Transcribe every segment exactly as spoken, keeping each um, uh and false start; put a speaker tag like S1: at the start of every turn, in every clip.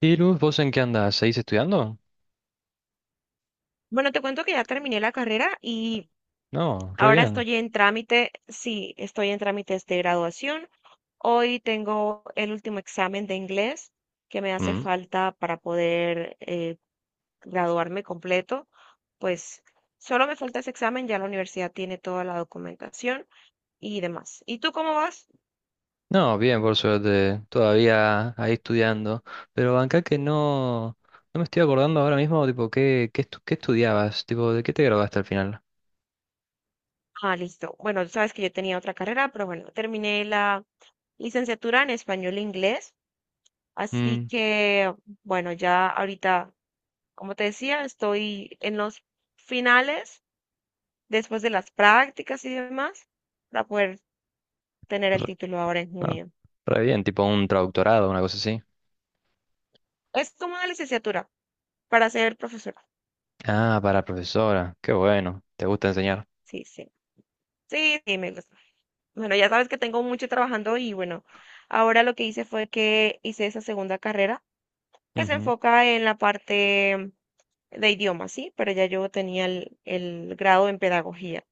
S1: Y Luz, ¿vos en qué andás? ¿Seguís estudiando?
S2: Bueno, te cuento que ya terminé la carrera y
S1: No, re
S2: ahora
S1: bien.
S2: estoy en trámite, sí, estoy en trámites de graduación. Hoy tengo el último examen de inglés que me hace
S1: Mm.
S2: falta para poder eh, graduarme completo. Pues solo me falta ese examen, ya la universidad tiene toda la documentación y demás. ¿Y tú cómo vas?
S1: No, bien, por suerte, todavía ahí estudiando. Pero acá que no, no me estoy acordando ahora mismo, tipo, qué, qué, estu- qué estudiabas, tipo, ¿de qué te graduaste al final?
S2: Ah, listo. Bueno, sabes que yo tenía otra carrera, pero bueno, terminé la licenciatura en español e inglés. Así
S1: Mm,
S2: que, bueno, ya ahorita como te decía, estoy en los finales, después de las prácticas y demás, para poder tener el
S1: re-
S2: título ahora en
S1: no,
S2: junio.
S1: re bien, tipo un traductorado, una cosa así.
S2: Es como una licenciatura para ser profesora.
S1: Ah, para profesora, qué bueno, te gusta enseñar.
S2: Sí, sí. Sí, sí, me gusta. Bueno, ya sabes que tengo mucho trabajando y bueno, ahora lo que hice fue que hice esa segunda carrera que se
S1: Ujú,
S2: enfoca en la parte de idiomas, sí, pero ya yo tenía el, el grado en pedagogía,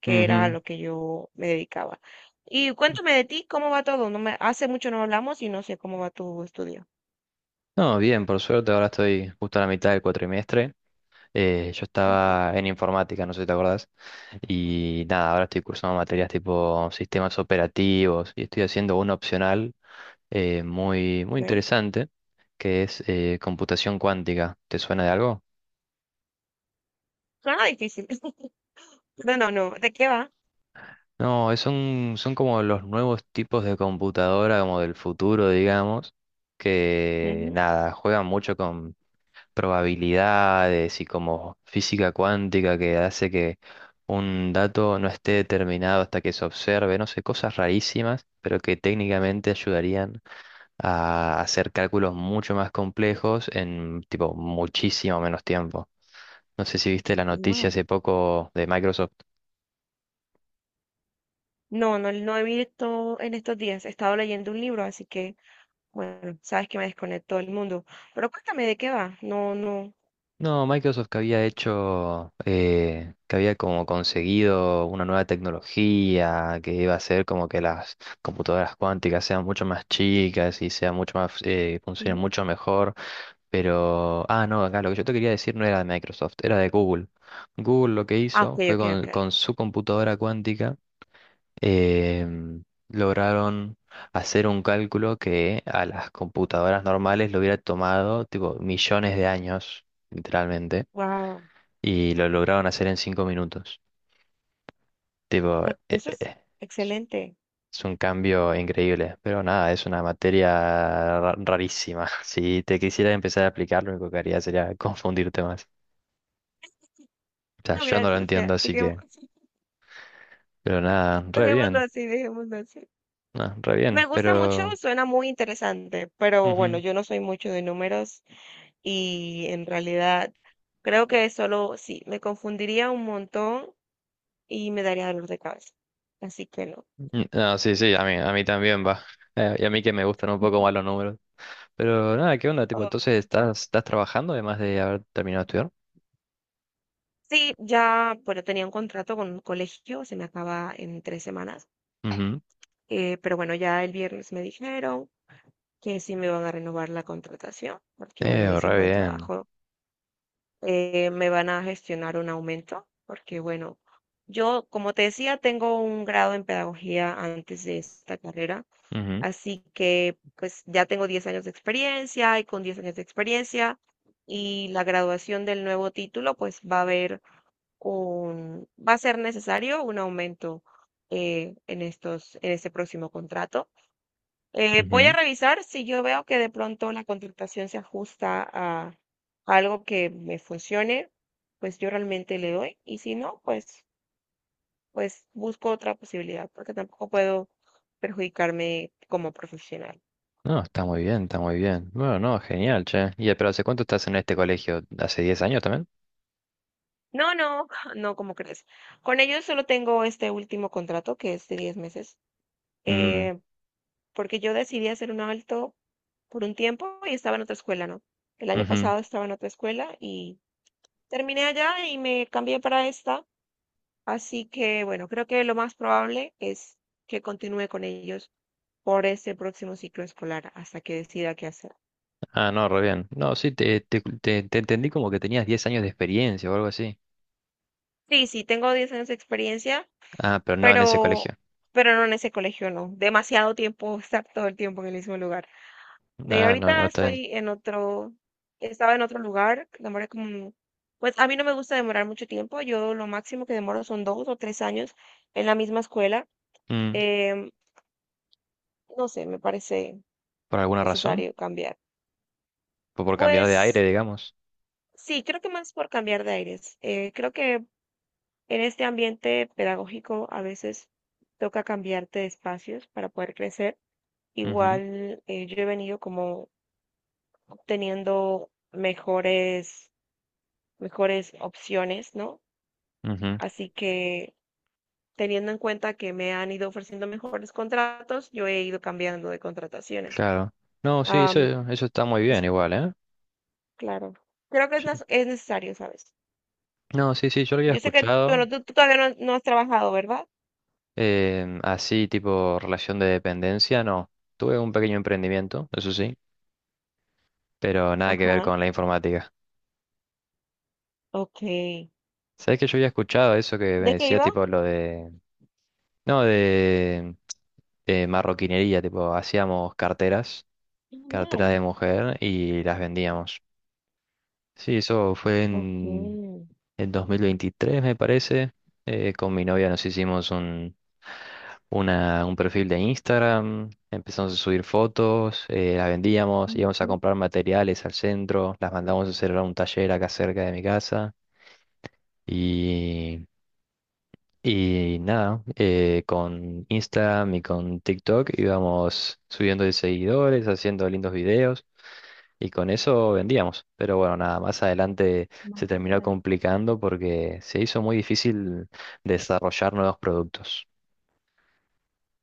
S2: que era a
S1: ujú.
S2: lo que yo me dedicaba. Y cuéntame de ti, ¿cómo va todo? No me, hace mucho no hablamos y no sé cómo va tu estudio.
S1: No, bien, por suerte, ahora estoy justo a la mitad del cuatrimestre. Eh, yo
S2: Ujú.
S1: estaba en informática, no sé si te acordás. Y nada, ahora estoy cursando materias tipo sistemas operativos y estoy haciendo un opcional eh, muy, muy
S2: Bueno,
S1: interesante, que es eh, computación cuántica. ¿Te suena de algo?
S2: suena difícil. No, no, no. ¿De qué va?
S1: No, es un- Son como los nuevos tipos de computadora, como del futuro, digamos, que
S2: Ujú.
S1: nada, juegan mucho probabilidades y como física cuántica, que hace que un dato no esté determinado hasta que se observe, no sé, cosas rarísimas, pero que técnicamente ayudarían a hacer cálculos mucho más complejos en tipo muchísimo menos tiempo. No sé si viste la noticia
S2: Ah,
S1: hace poco de Microsoft.
S2: no, no, no he visto en estos días. He estado leyendo un libro, así que, bueno, sabes que me desconecto del mundo. Pero cuéntame de qué va. No, no.
S1: No, Microsoft que había hecho, eh, que había como conseguido una nueva tecnología que iba a hacer como que las computadoras cuánticas sean mucho más chicas y sean mucho más, eh, funcionen
S2: Ujú.
S1: mucho mejor. Pero, ah, no, acá lo que yo te quería decir no era de Microsoft, era de Google. Google lo que
S2: Ah,
S1: hizo
S2: ok,
S1: fue
S2: ok, ok.
S1: con, con su computadora cuántica, em, lograron hacer un cálculo que a las computadoras normales le hubiera tomado, tipo, millones de años, literalmente,
S2: Wow.
S1: y lo lograron hacer en cinco minutos. Tipo, eh,
S2: Eso es
S1: eh,
S2: excelente.
S1: es un cambio increíble, pero nada, es una materia ra- rarísima. Si te quisieras empezar a aplicar, lo único que haría sería confundirte más. O sea,
S2: No,
S1: yo no lo
S2: gracias,
S1: entiendo,
S2: ya.
S1: así
S2: Dejemos-
S1: que, pero nada, re
S2: Dejémoslo
S1: bien,
S2: así, dejémoslo así.
S1: no, re
S2: Me
S1: bien,
S2: gusta mucho,
S1: pero...
S2: suena muy interesante, pero bueno,
S1: ujú.
S2: yo no soy mucho de números y en realidad creo que solo, sí, me confundiría un montón y me daría dolor de cabeza. Así que no.
S1: Mm, no, sí, sí, a mí, a mí también va. Eh, y a mí que me gustan un poco más los números. Pero nada, ¿qué onda? Tipo,
S2: Ah,
S1: entonces estás, estás trabajando además de haber terminado de estudiar.
S2: sí, ya, bueno, tenía un contrato con un colegio, se me acaba en tres semanas,
S1: Ujú.
S2: eh, pero bueno, ya el viernes me dijeron que sí me van a renovar la contratación, porque bueno,
S1: Eh,
S2: hice un
S1: re
S2: buen
S1: bien.
S2: trabajo, eh, me van a gestionar un aumento, porque bueno, yo, como te decía, tengo un grado en pedagogía antes de esta carrera,
S1: Ujú,
S2: así que pues ya tengo diez años de experiencia y con diez años de experiencia y la graduación del nuevo título, pues va a haber un, va a ser necesario un aumento eh, en estos, en este próximo contrato. Eh, voy a
S1: ujú.
S2: revisar si yo veo que de pronto la contratación se ajusta a algo que me funcione, pues yo realmente le doy y si no, pues, pues busco otra posibilidad porque tampoco puedo perjudicarme como profesional.
S1: No, está muy bien, está muy bien. Bueno, no, genial, che. ¿Y pero hace cuánto estás en este colegio? ¿Hace diez años también?
S2: No, no, no, como crees? Con ellos solo tengo este último contrato que es de diez meses,
S1: Mm,
S2: eh, porque yo decidí hacer un alto por un tiempo y estaba en otra escuela, ¿no? El año
S1: ujú.
S2: pasado estaba en otra escuela y terminé allá y me cambié para esta. Así que, bueno, creo que lo más probable es que continúe con ellos por este próximo ciclo escolar hasta que decida qué hacer.
S1: Ah, no, re bien. No, sí, te, te, te- te entendí como que tenías diez años de experiencia o algo así.
S2: Sí, sí, tengo diez años de experiencia,
S1: Ah, pero no en ese
S2: pero,
S1: colegio.
S2: pero no en ese colegio, no. Demasiado tiempo estar todo el tiempo en el mismo lugar. De
S1: Ah, no, no
S2: ahorita
S1: está bien.
S2: estoy en otro, estaba en otro lugar, demoré como, pues a mí no me gusta demorar mucho tiempo, yo lo máximo que demoro son dos o tres años en la misma escuela.
S1: Mm,
S2: Em, no sé, me parece
S1: ¿por alguna razón?
S2: necesario cambiar.
S1: ¿Por, por cambiar de
S2: Pues
S1: aire, digamos?
S2: sí, creo que más por cambiar de aires. Eh, creo que en este ambiente pedagógico a veces toca cambiarte de espacios para poder crecer.
S1: Ujú,
S2: Igual eh, yo he venido como obteniendo mejores, mejores opciones, ¿no?
S1: ujú,
S2: Así que teniendo en cuenta que me han ido ofreciendo mejores contratos, yo he ido cambiando de contrataciones.
S1: claro. No, sí, eso,
S2: Am,
S1: eso está muy bien
S2: es
S1: igual, ¿eh?
S2: claro, creo que es,
S1: Sí.
S2: nas- es necesario, ¿sabes?
S1: No, sí, sí, yo lo había
S2: Yo sé que,
S1: escuchado.
S2: bueno, tú, tú todavía no, no has trabajado, ¿verdad?
S1: Em, así, tipo relación de dependencia, no. Tuve un pequeño emprendimiento, eso sí. Pero nada que ver
S2: Ajá.
S1: con la informática.
S2: Ok. ¿De
S1: ¿Sabés que yo había escuchado eso que me
S2: qué
S1: decía
S2: iba?
S1: tipo lo de... No, de, de marroquinería, tipo hacíamos carteras, carteras de
S2: Genial.
S1: mujer y las vendíamos. Sí, eso fue
S2: Ok.
S1: en el dos mil veintitrés, me parece. Eh, con mi novia nos hicimos un, una- un perfil de Instagram, empezamos a subir fotos, eh, las vendíamos, íbamos a
S2: Ujú.
S1: comprar materiales al centro, las mandamos a hacer a un taller acá cerca de mi casa. y Y nada, eh, con Instagram y con TikTok íbamos subiendo de seguidores, haciendo lindos videos, y con eso vendíamos. Pero bueno, nada, más adelante se terminó
S2: Vaya.
S1: complicando porque se hizo muy difícil desarrollar nuevos productos.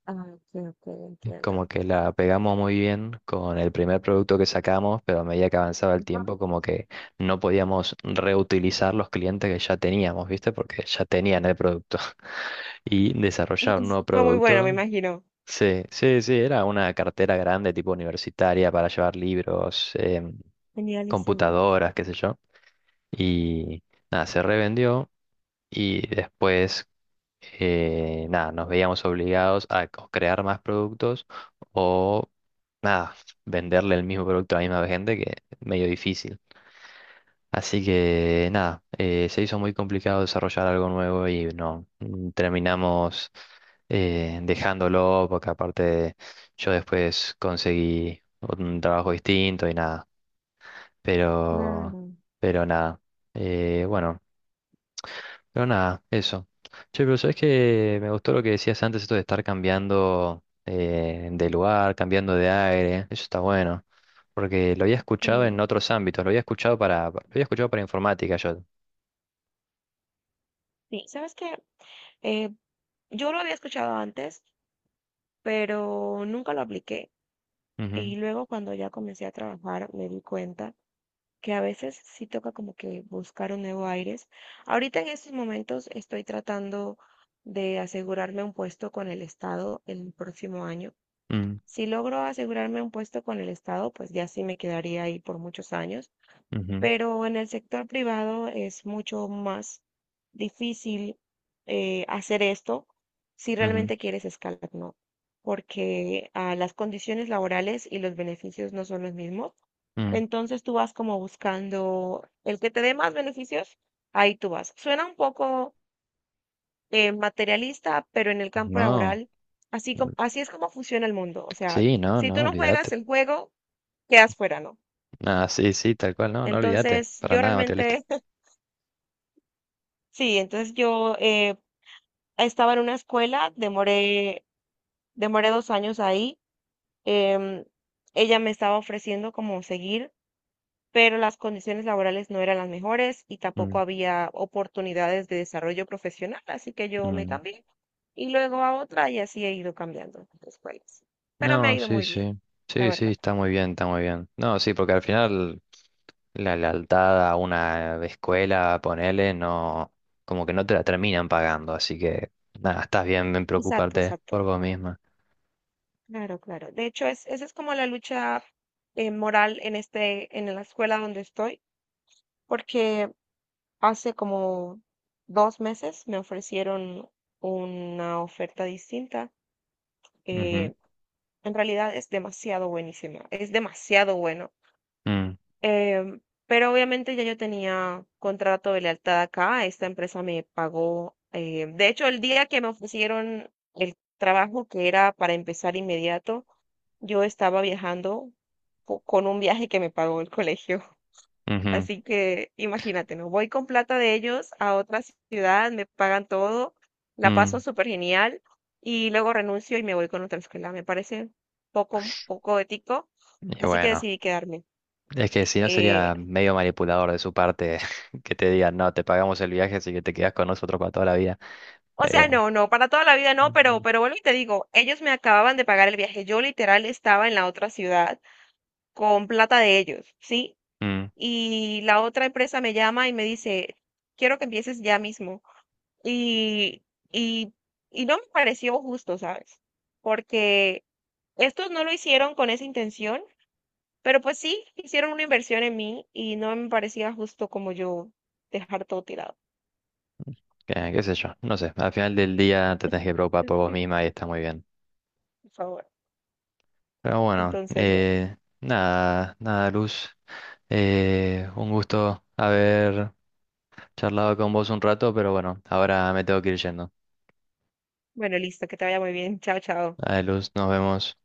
S2: Ah, ok, ok, entiendo.
S1: Como que la pegamos muy bien con el primer producto que sacamos, pero a medida que avanzaba el
S2: Ajá.
S1: tiempo, como que no podíamos reutilizar los clientes que ya teníamos, ¿viste? Porque ya tenían el producto y
S2: Y-
S1: desarrollar un nuevo
S2: y Fue muy bueno, me
S1: producto.
S2: imagino.
S1: Sí, sí, sí, era una cartera grande, tipo universitaria, para llevar libros, em,
S2: Genialísimo.
S1: computadoras, qué sé yo. Y nada, se revendió, y después, eh, nada, nos veíamos obligados a o crear más productos o, nada, venderle el mismo producto a la misma gente, que medio difícil. Así que nada, eh, se hizo muy complicado desarrollar algo nuevo y no mm, terminamos eh, dejándolo, porque aparte yo después conseguí un trabajo distinto y nada, pero
S2: Claro.
S1: pero nada, eh, bueno, pero nada, eso. Che, pero sabes que me gustó lo que decías antes, esto de estar cambiando eh, de lugar, cambiando de aire. Eso está bueno. Porque lo había escuchado en
S2: Sí,
S1: otros ámbitos, lo había escuchado para, lo había escuchado para informática yo.
S2: sí. ¿Sabes qué? Eh, yo lo había escuchado antes, pero nunca lo apliqué.
S1: Ujú,
S2: Y luego cuando ya comencé a trabajar me di cuenta que a veces sí toca como que buscar un nuevo aires. Ahorita en estos momentos estoy tratando de asegurarme un puesto con el Estado el próximo año.
S1: mm,
S2: Si logro asegurarme un puesto con el Estado, pues ya sí me quedaría ahí por muchos años,
S1: ujú,
S2: pero en el sector privado es mucho más difícil eh, hacer esto si
S1: ujú,
S2: realmente quieres escalar, ¿no? Porque ah, las condiciones laborales y los beneficios no son los mismos.
S1: mm.
S2: Entonces tú vas como buscando el que te dé más beneficios, ahí tú vas. Suena un poco eh, materialista, pero en el campo
S1: No,
S2: laboral, así, co-
S1: mm,
S2: así es como funciona el mundo. O sea,
S1: sí, no,
S2: si tú
S1: no,
S2: no
S1: olvídate.
S2: juegas el juego, quedas fuera, ¿no?
S1: Nada, sí, sí, tal cual, no, no olvídate.
S2: Entonces
S1: Para
S2: yo
S1: nada, materialista.
S2: realmente, sí, entonces yo eh, estaba en una escuela, demoré, demoré dos años ahí. em, Ella me estaba ofreciendo como seguir, pero las condiciones laborales no eran las mejores y tampoco
S1: Mm,
S2: había oportunidades de desarrollo profesional, así que yo me
S1: mm.
S2: cambié y luego a otra y así he ido cambiando de escuelas. Pero me ha
S1: No,
S2: ido
S1: sí,
S2: muy bien,
S1: sí.
S2: la
S1: Sí, sí,
S2: verdad.
S1: está muy bien, está muy bien. No, sí, porque al final la lealtad a una escuela, ponele, no, como que no te la terminan pagando, así que nada, estás bien en
S2: Exacto,
S1: preocuparte
S2: exacto.
S1: por vos misma.
S2: Claro, claro. De hecho, es, esa es como la lucha eh, moral en este, en la escuela donde estoy, porque hace como dos meses me ofrecieron una oferta distinta.
S1: Ujú,
S2: eh, En realidad es demasiado buenísima, es demasiado bueno.
S1: mm,
S2: Em, pero obviamente ya yo tenía contrato de lealtad acá, esta empresa me pagó. Eh, de hecho, el día que me ofrecieron el trabajo que era para empezar inmediato, yo estaba viajando co- con un viaje que me pagó el colegio.
S1: ujú,
S2: Así que imagínate, ¿no? Voy con plata de ellos a otra ciudad, me pagan todo, la paso
S1: mm.
S2: súper genial y luego renuncio y me voy con otra escuela. Me parece poco, poco ético,
S1: Y
S2: así que
S1: bueno,
S2: decidí quedarme.
S1: es que si no
S2: Eh,
S1: sería medio manipulador de su parte que te digan, no, te pagamos el viaje, así que te quedas con nosotros para toda la vida.
S2: o sea,
S1: Medio.
S2: no, no, para toda la vida no, pero, pero vuelvo y te digo, ellos me acababan de pagar el viaje. Yo literal estaba en la otra ciudad con plata de ellos, ¿sí?
S1: Mm,
S2: Y la otra empresa me llama y me dice, quiero que empieces ya mismo. Y, y, y no me pareció justo, ¿sabes? Porque estos no lo hicieron con esa intención, pero pues sí, hicieron una inversión en mí y no me parecía justo como yo dejar todo tirado.
S1: qué qué sé yo, no sé, al final del día te tenés que preocupar por vos
S2: Sí,
S1: misma y está muy bien.
S2: por favor.
S1: Pero bueno,
S2: Entonces, bueno,
S1: eh, nada, nada, Luz, eh, un gusto haber charlado con vos un rato, pero bueno, ahora me tengo que ir yendo.
S2: bueno, listo, que te vaya muy bien. Chao, chao.
S1: Dale, Luz, nos vemos.